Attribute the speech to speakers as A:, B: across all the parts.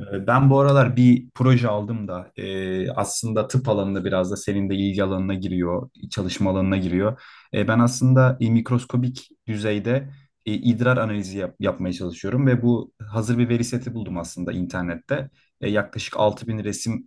A: Ben bu aralar bir proje aldım da aslında tıp alanında biraz da senin de ilgi alanına giriyor, çalışma alanına giriyor. Ben aslında mikroskobik düzeyde idrar analizi yapmaya çalışıyorum ve bu hazır bir veri seti buldum aslında internette. Yaklaşık 6.000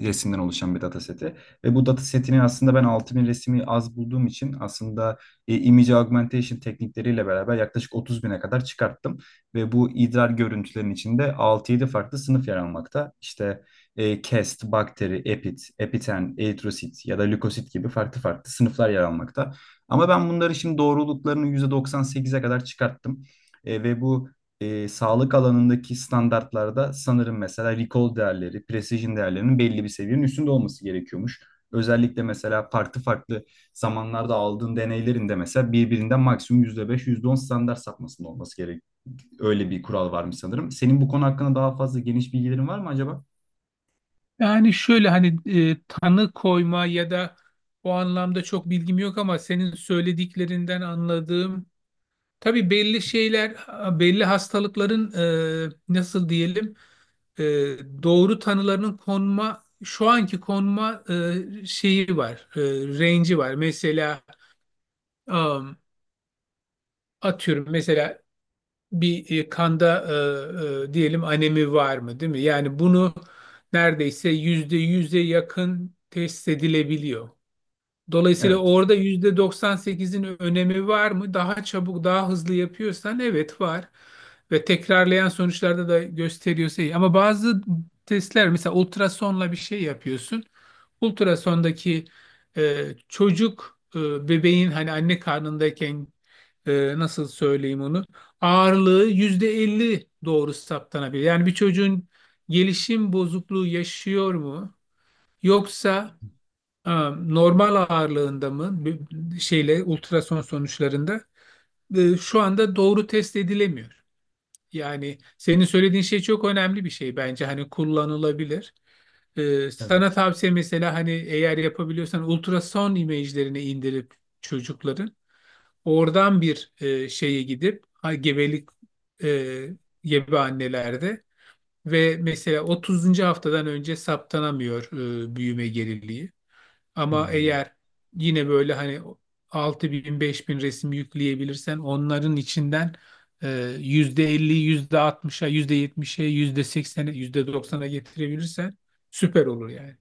A: resimden oluşan bir dataseti. Ve bu datasetini aslında ben 6.000 resmi az bulduğum için aslında image augmentation teknikleriyle beraber yaklaşık 30 bine kadar çıkarttım. Ve bu idrar görüntülerin içinde altı yedi farklı sınıf yer almakta. İşte cast, bakteri, epit, epiten, eritrosit ya da lökosit gibi farklı farklı sınıflar yer almakta. Ama ben bunları şimdi doğruluklarını %98'e kadar çıkarttım. Ve bu sağlık alanındaki standartlarda sanırım mesela recall değerleri, precision değerlerinin belli bir seviyenin üstünde olması gerekiyormuş. Özellikle mesela farklı farklı zamanlarda aldığın deneylerin de mesela birbirinden maksimum %5, yüzde on standart sapmasında olması gerek. Öyle bir kural varmış sanırım. Senin bu konu hakkında daha fazla geniş bilgilerin var mı acaba?
B: Yani şöyle hani tanı koyma ya da o anlamda çok bilgim yok ama senin söylediklerinden anladığım tabii belli şeyler belli hastalıkların nasıl diyelim e, doğru tanılarının konma şu anki konma şeyi var range'i var. Mesela am, atıyorum mesela bir kanda diyelim anemi var mı değil mi? Yani bunu neredeyse %100'e yakın test edilebiliyor. Dolayısıyla
A: Evet,
B: orada %98'in önemi var mı? Daha çabuk, daha hızlı yapıyorsan evet var. Ve tekrarlayan sonuçlarda da gösteriyorsa iyi. Ama bazı testler mesela ultrasonla bir şey yapıyorsun. Ultrasondaki e, çocuk bebeğin hani anne karnındayken nasıl söyleyeyim onu ağırlığı %50 doğru saptanabilir. Yani bir çocuğun gelişim bozukluğu yaşıyor mu? Yoksa normal ağırlığında mı şeyle ultrason sonuçlarında şu anda doğru test edilemiyor. Yani senin söylediğin şey çok önemli bir şey bence hani kullanılabilir. Sana
A: evet.
B: tavsiye mesela hani eğer yapabiliyorsan ultrason imajlarını indirip çocukların oradan bir şeye gidip ha, gebelik e, gebe annelerde ve mesela 30. haftadan önce saptanamıyor büyüme geriliği. Ama
A: Hmm.
B: eğer yine böyle hani 6.000 bin resim yükleyebilirsen onların içinden e, %50, %60'a, %70'e, %80'e, %90'a getirebilirsen süper olur yani.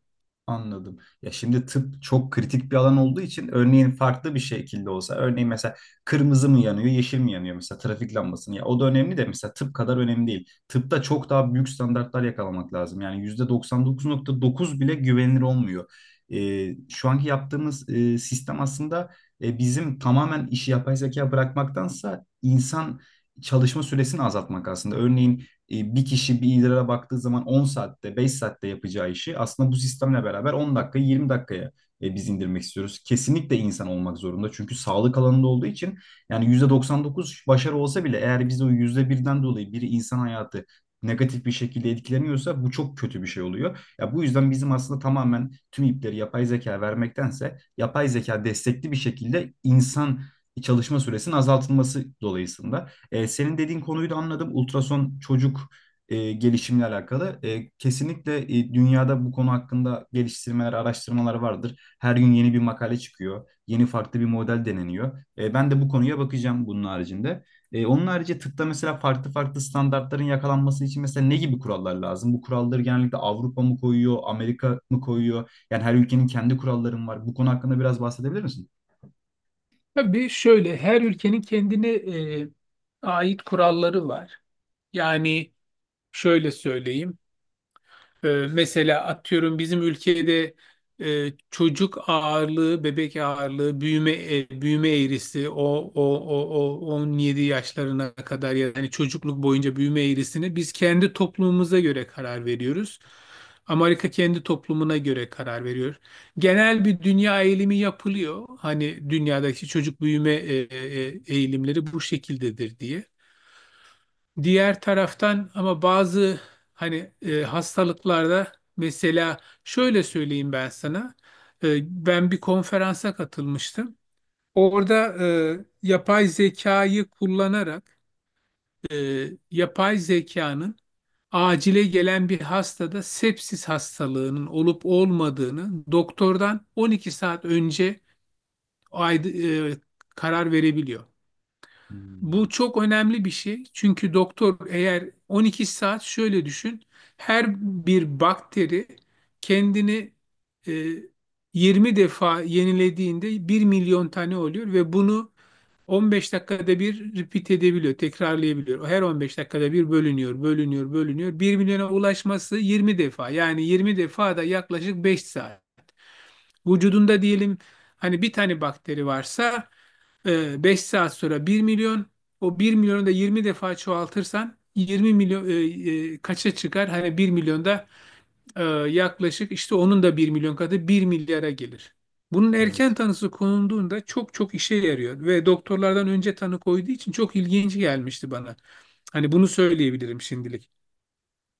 A: Anladım. Ya şimdi tıp çok kritik bir alan olduğu için örneğin farklı bir şekilde olsa örneğin mesela kırmızı mı yanıyor yeşil mi yanıyor mesela trafik lambasını ya o da önemli de mesela tıp kadar önemli değil. Tıpta çok daha büyük standartlar yakalamak lazım. Yani %99,9 bile güvenilir olmuyor. Şu anki yaptığımız sistem aslında bizim tamamen işi yapay zeka bırakmaktansa insan çalışma süresini azaltmak aslında. Örneğin bir kişi bir idrara baktığı zaman 10 saatte, 5 saatte yapacağı işi aslında bu sistemle beraber 10 dakika, 20 dakikaya biz indirmek istiyoruz. Kesinlikle insan olmak zorunda. Çünkü sağlık alanında olduğu için yani %99 başarı olsa bile eğer biz o %1'den dolayı biri insan hayatı negatif bir şekilde etkileniyorsa bu çok kötü bir şey oluyor. Ya bu yüzden bizim aslında tamamen tüm ipleri yapay zeka vermektense yapay zeka destekli bir şekilde insan çalışma süresinin azaltılması dolayısıyla. Senin dediğin konuyu da anladım. Ultrason çocuk gelişimle alakalı. Kesinlikle dünyada bu konu hakkında geliştirmeler, araştırmalar vardır. Her gün yeni bir makale çıkıyor. Yeni farklı bir model deneniyor. Ben de bu konuya bakacağım bunun haricinde. Onun harici tıpta mesela farklı farklı standartların yakalanması için mesela ne gibi kurallar lazım? Bu kuralları genellikle Avrupa mı koyuyor, Amerika mı koyuyor? Yani her ülkenin kendi kuralları mı var? Bu konu hakkında biraz bahsedebilir misin?
B: Tabii şöyle her ülkenin kendine e, ait kuralları var. Yani şöyle söyleyeyim. Mesela atıyorum bizim ülkede çocuk ağırlığı, bebek ağırlığı, büyüme büyüme eğrisi o 17 yaşlarına kadar yani çocukluk boyunca büyüme eğrisini biz kendi toplumumuza göre karar veriyoruz. Amerika kendi toplumuna göre karar veriyor. Genel bir dünya eğilimi yapılıyor. Hani dünyadaki çocuk büyüme eğilimleri bu şekildedir diye. Diğer taraftan ama bazı hani hastalıklarda mesela şöyle söyleyeyim ben sana. Ben bir konferansa katılmıştım. Orada yapay zekayı kullanarak e, yapay zekanın acile gelen bir hastada sepsis hastalığının olup olmadığını doktordan 12 saat önce ayd- e, karar verebiliyor.
A: Hmm,
B: Bu çok önemli bir şey. Çünkü doktor eğer 12 saat şöyle düşün. Her bir bakteri kendini e, 20 defa yenilediğinde 1 milyon tane oluyor ve bunu 15 dakikada bir repeat edebiliyor, tekrarlayabiliyor. Her 15 dakikada bir bölünüyor, bölünüyor, bölünüyor. 1 milyona ulaşması 20 defa. Yani 20 defa da yaklaşık 5 saat. Vücudunda diyelim hani bir tane bakteri varsa 5 saat sonra 1 milyon. O 1 milyonu da 20 defa çoğaltırsan 20 milyon kaça çıkar? Hani 1 milyonda e, yaklaşık işte onun da 1 milyon katı 1 milyara gelir. Bunun erken
A: evet.
B: tanısı konulduğunda çok çok işe yarıyor ve doktorlardan önce tanı koyduğu için çok ilginç gelmişti bana. Hani bunu söyleyebilirim şimdilik.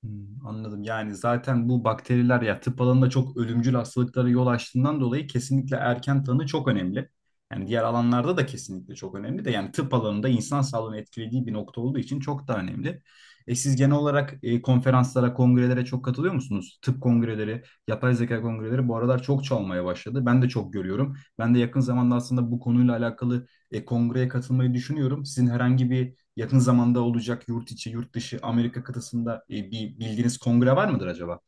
A: Hmm, anladım. Yani zaten bu bakteriler ya tıp alanında çok ölümcül hastalıklara yol açtığından dolayı kesinlikle erken tanı çok önemli. Yani diğer alanlarda da kesinlikle çok önemli de yani tıp alanında insan sağlığını etkilediği bir nokta olduğu için çok da önemli. Siz genel olarak konferanslara, kongrelere çok katılıyor musunuz? Tıp kongreleri, yapay zeka kongreleri bu aralar çok çalmaya başladı. Ben de çok görüyorum. Ben de yakın zamanda aslında bu konuyla alakalı kongreye katılmayı düşünüyorum. Sizin herhangi bir yakın zamanda olacak yurt içi, yurt dışı Amerika kıtasında bir bildiğiniz kongre var mıdır acaba?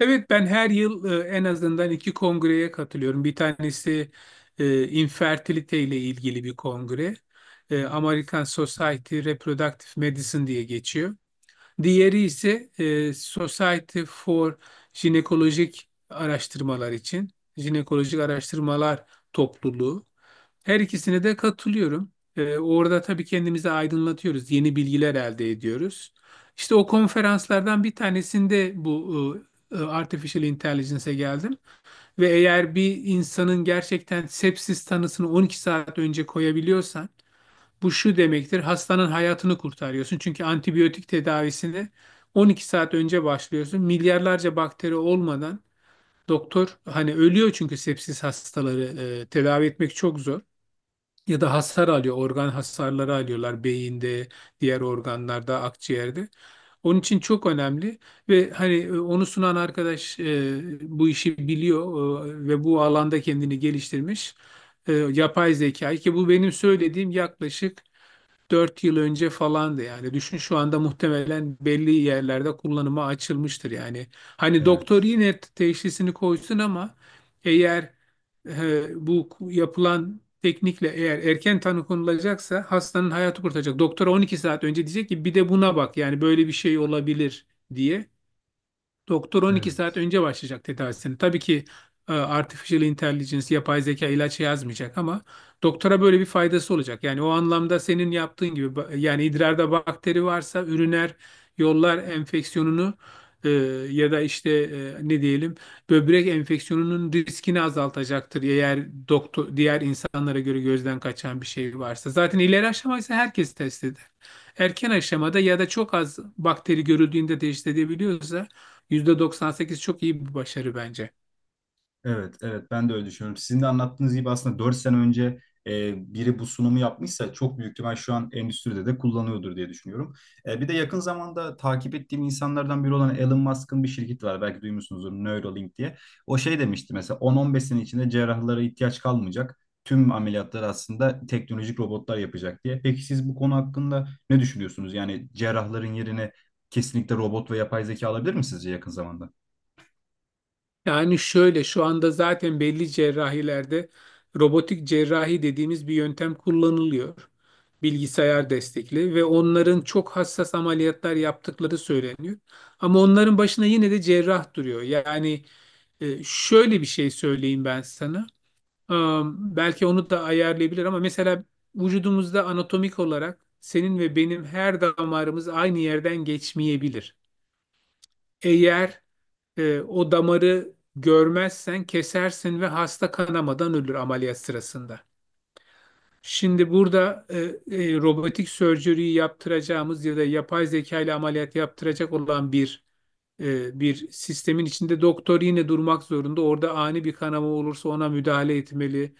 B: Evet, ben her yıl en azından iki kongreye katılıyorum. Bir tanesi infertilite ile ilgili bir kongre. American Society Reproductive Medicine diye geçiyor. Diğeri ise Society for Jinekolojik Araştırmalar için Jinekolojik Araştırmalar Topluluğu. Her ikisine de katılıyorum. Orada tabii kendimizi aydınlatıyoruz, yeni bilgiler elde ediyoruz. İşte o konferanslardan bir tanesinde bu Artificial Intelligence'e geldim ve eğer bir insanın gerçekten sepsis tanısını 12 saat önce koyabiliyorsan bu şu demektir, hastanın hayatını kurtarıyorsun. Çünkü antibiyotik tedavisini 12 saat önce başlıyorsun. Milyarlarca bakteri olmadan doktor hani ölüyor çünkü sepsis hastaları tedavi etmek çok zor. Ya da hasar alıyor, organ hasarları alıyorlar beyinde, diğer organlarda, akciğerde. Onun için çok önemli ve hani onu sunan arkadaş bu işi biliyor ve bu alanda kendini geliştirmiş. Yapay zekayı ki bu benim söylediğim yaklaşık 4 yıl önce falandı yani. Düşün, şu anda muhtemelen belli yerlerde kullanıma açılmıştır yani. Hani doktor
A: Evet.
B: yine teşhisini koysun ama eğer bu yapılan teknikle eğer erken tanı konulacaksa hastanın hayatı kurtaracak. Doktora 12 saat önce diyecek ki bir de buna bak yani böyle bir şey olabilir diye. Doktor 12 saat
A: Evet.
B: önce başlayacak tedavisini. Tabii ki artificial intelligence, yapay zeka ilaç yazmayacak ama doktora böyle bir faydası olacak. Yani o anlamda senin yaptığın gibi yani idrarda bakteri varsa üriner yollar enfeksiyonunu e, ya da işte ne diyelim böbrek enfeksiyonunun riskini azaltacaktır eğer doktor diğer insanlara göre gözden kaçan bir şey varsa. Zaten ileri aşamaysa herkes test eder. Erken aşamada ya da çok az bakteri görüldüğünde test edebiliyorsa %98 çok iyi bir başarı bence.
A: Evet, evet ben de öyle düşünüyorum. Sizin de anlattığınız gibi aslında 4 sene önce biri bu sunumu yapmışsa çok büyük ihtimal şu an endüstride de kullanıyordur diye düşünüyorum. Bir de yakın zamanda takip ettiğim insanlardan biri olan Elon Musk'ın bir şirketi var. Belki duymuşsunuzdur Neuralink diye. O şey demişti mesela 10-15 sene içinde cerrahlara ihtiyaç kalmayacak. Tüm ameliyatları aslında teknolojik robotlar yapacak diye. Peki siz bu konu hakkında ne düşünüyorsunuz? Yani cerrahların yerine kesinlikle robot ve yapay zeka alabilir mi sizce yakın zamanda?
B: Yani şöyle, şu anda zaten belli cerrahilerde robotik cerrahi dediğimiz bir yöntem kullanılıyor. Bilgisayar destekli ve onların çok hassas ameliyatlar yaptıkları söyleniyor. Ama onların başına yine de cerrah duruyor. Yani şöyle bir şey söyleyeyim ben sana. Belki onu da ayarlayabilir ama mesela vücudumuzda anatomik olarak senin ve benim her damarımız aynı yerden geçmeyebilir. Eğer o damarı görmezsen kesersin ve hasta kanamadan ölür ameliyat sırasında. Şimdi burada robotik sörceriyi yaptıracağımız ya da yapay zeka ile ameliyat yaptıracak olan bir sistemin içinde doktor yine durmak zorunda. Orada ani bir kanama olursa ona müdahale etmeli.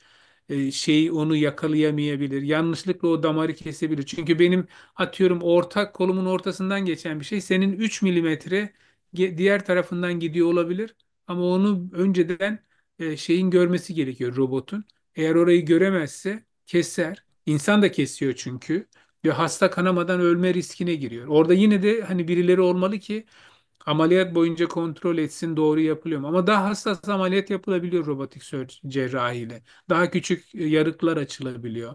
B: Şeyi onu yakalayamayabilir. Yanlışlıkla o damarı kesebilir. Çünkü benim atıyorum ortak kolumun ortasından geçen bir şey senin 3 mm diğer tarafından gidiyor olabilir. Ama onu önceden şeyin görmesi gerekiyor robotun. Eğer orayı göremezse keser. İnsan da kesiyor çünkü. Ve hasta kanamadan ölme riskine giriyor. Orada yine de hani birileri olmalı ki ameliyat boyunca kontrol etsin doğru yapılıyor mu. Ama daha hassas ameliyat yapılabiliyor robotik cerrahiyle. Daha küçük yarıklar açılabiliyor.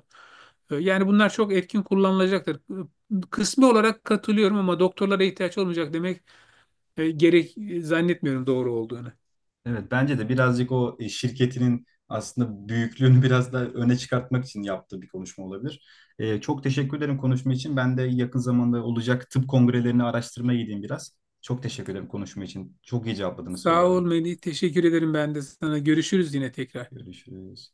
B: Yani bunlar çok etkin kullanılacaktır. Kısmi olarak katılıyorum ama doktorlara ihtiyaç olmayacak demek gerek zannetmiyorum doğru olduğunu.
A: Evet bence de birazcık o şirketinin aslında büyüklüğünü biraz da öne çıkartmak için yaptığı bir konuşma olabilir. Çok teşekkür ederim konuşma için. Ben de yakın zamanda olacak tıp kongrelerini araştırmaya gideyim biraz. Çok teşekkür ederim konuşma için. Çok iyi cevapladınız
B: Sağ ol
A: sorularımı.
B: Melih. Teşekkür ederim ben de sana. Görüşürüz yine tekrar.
A: Görüşürüz.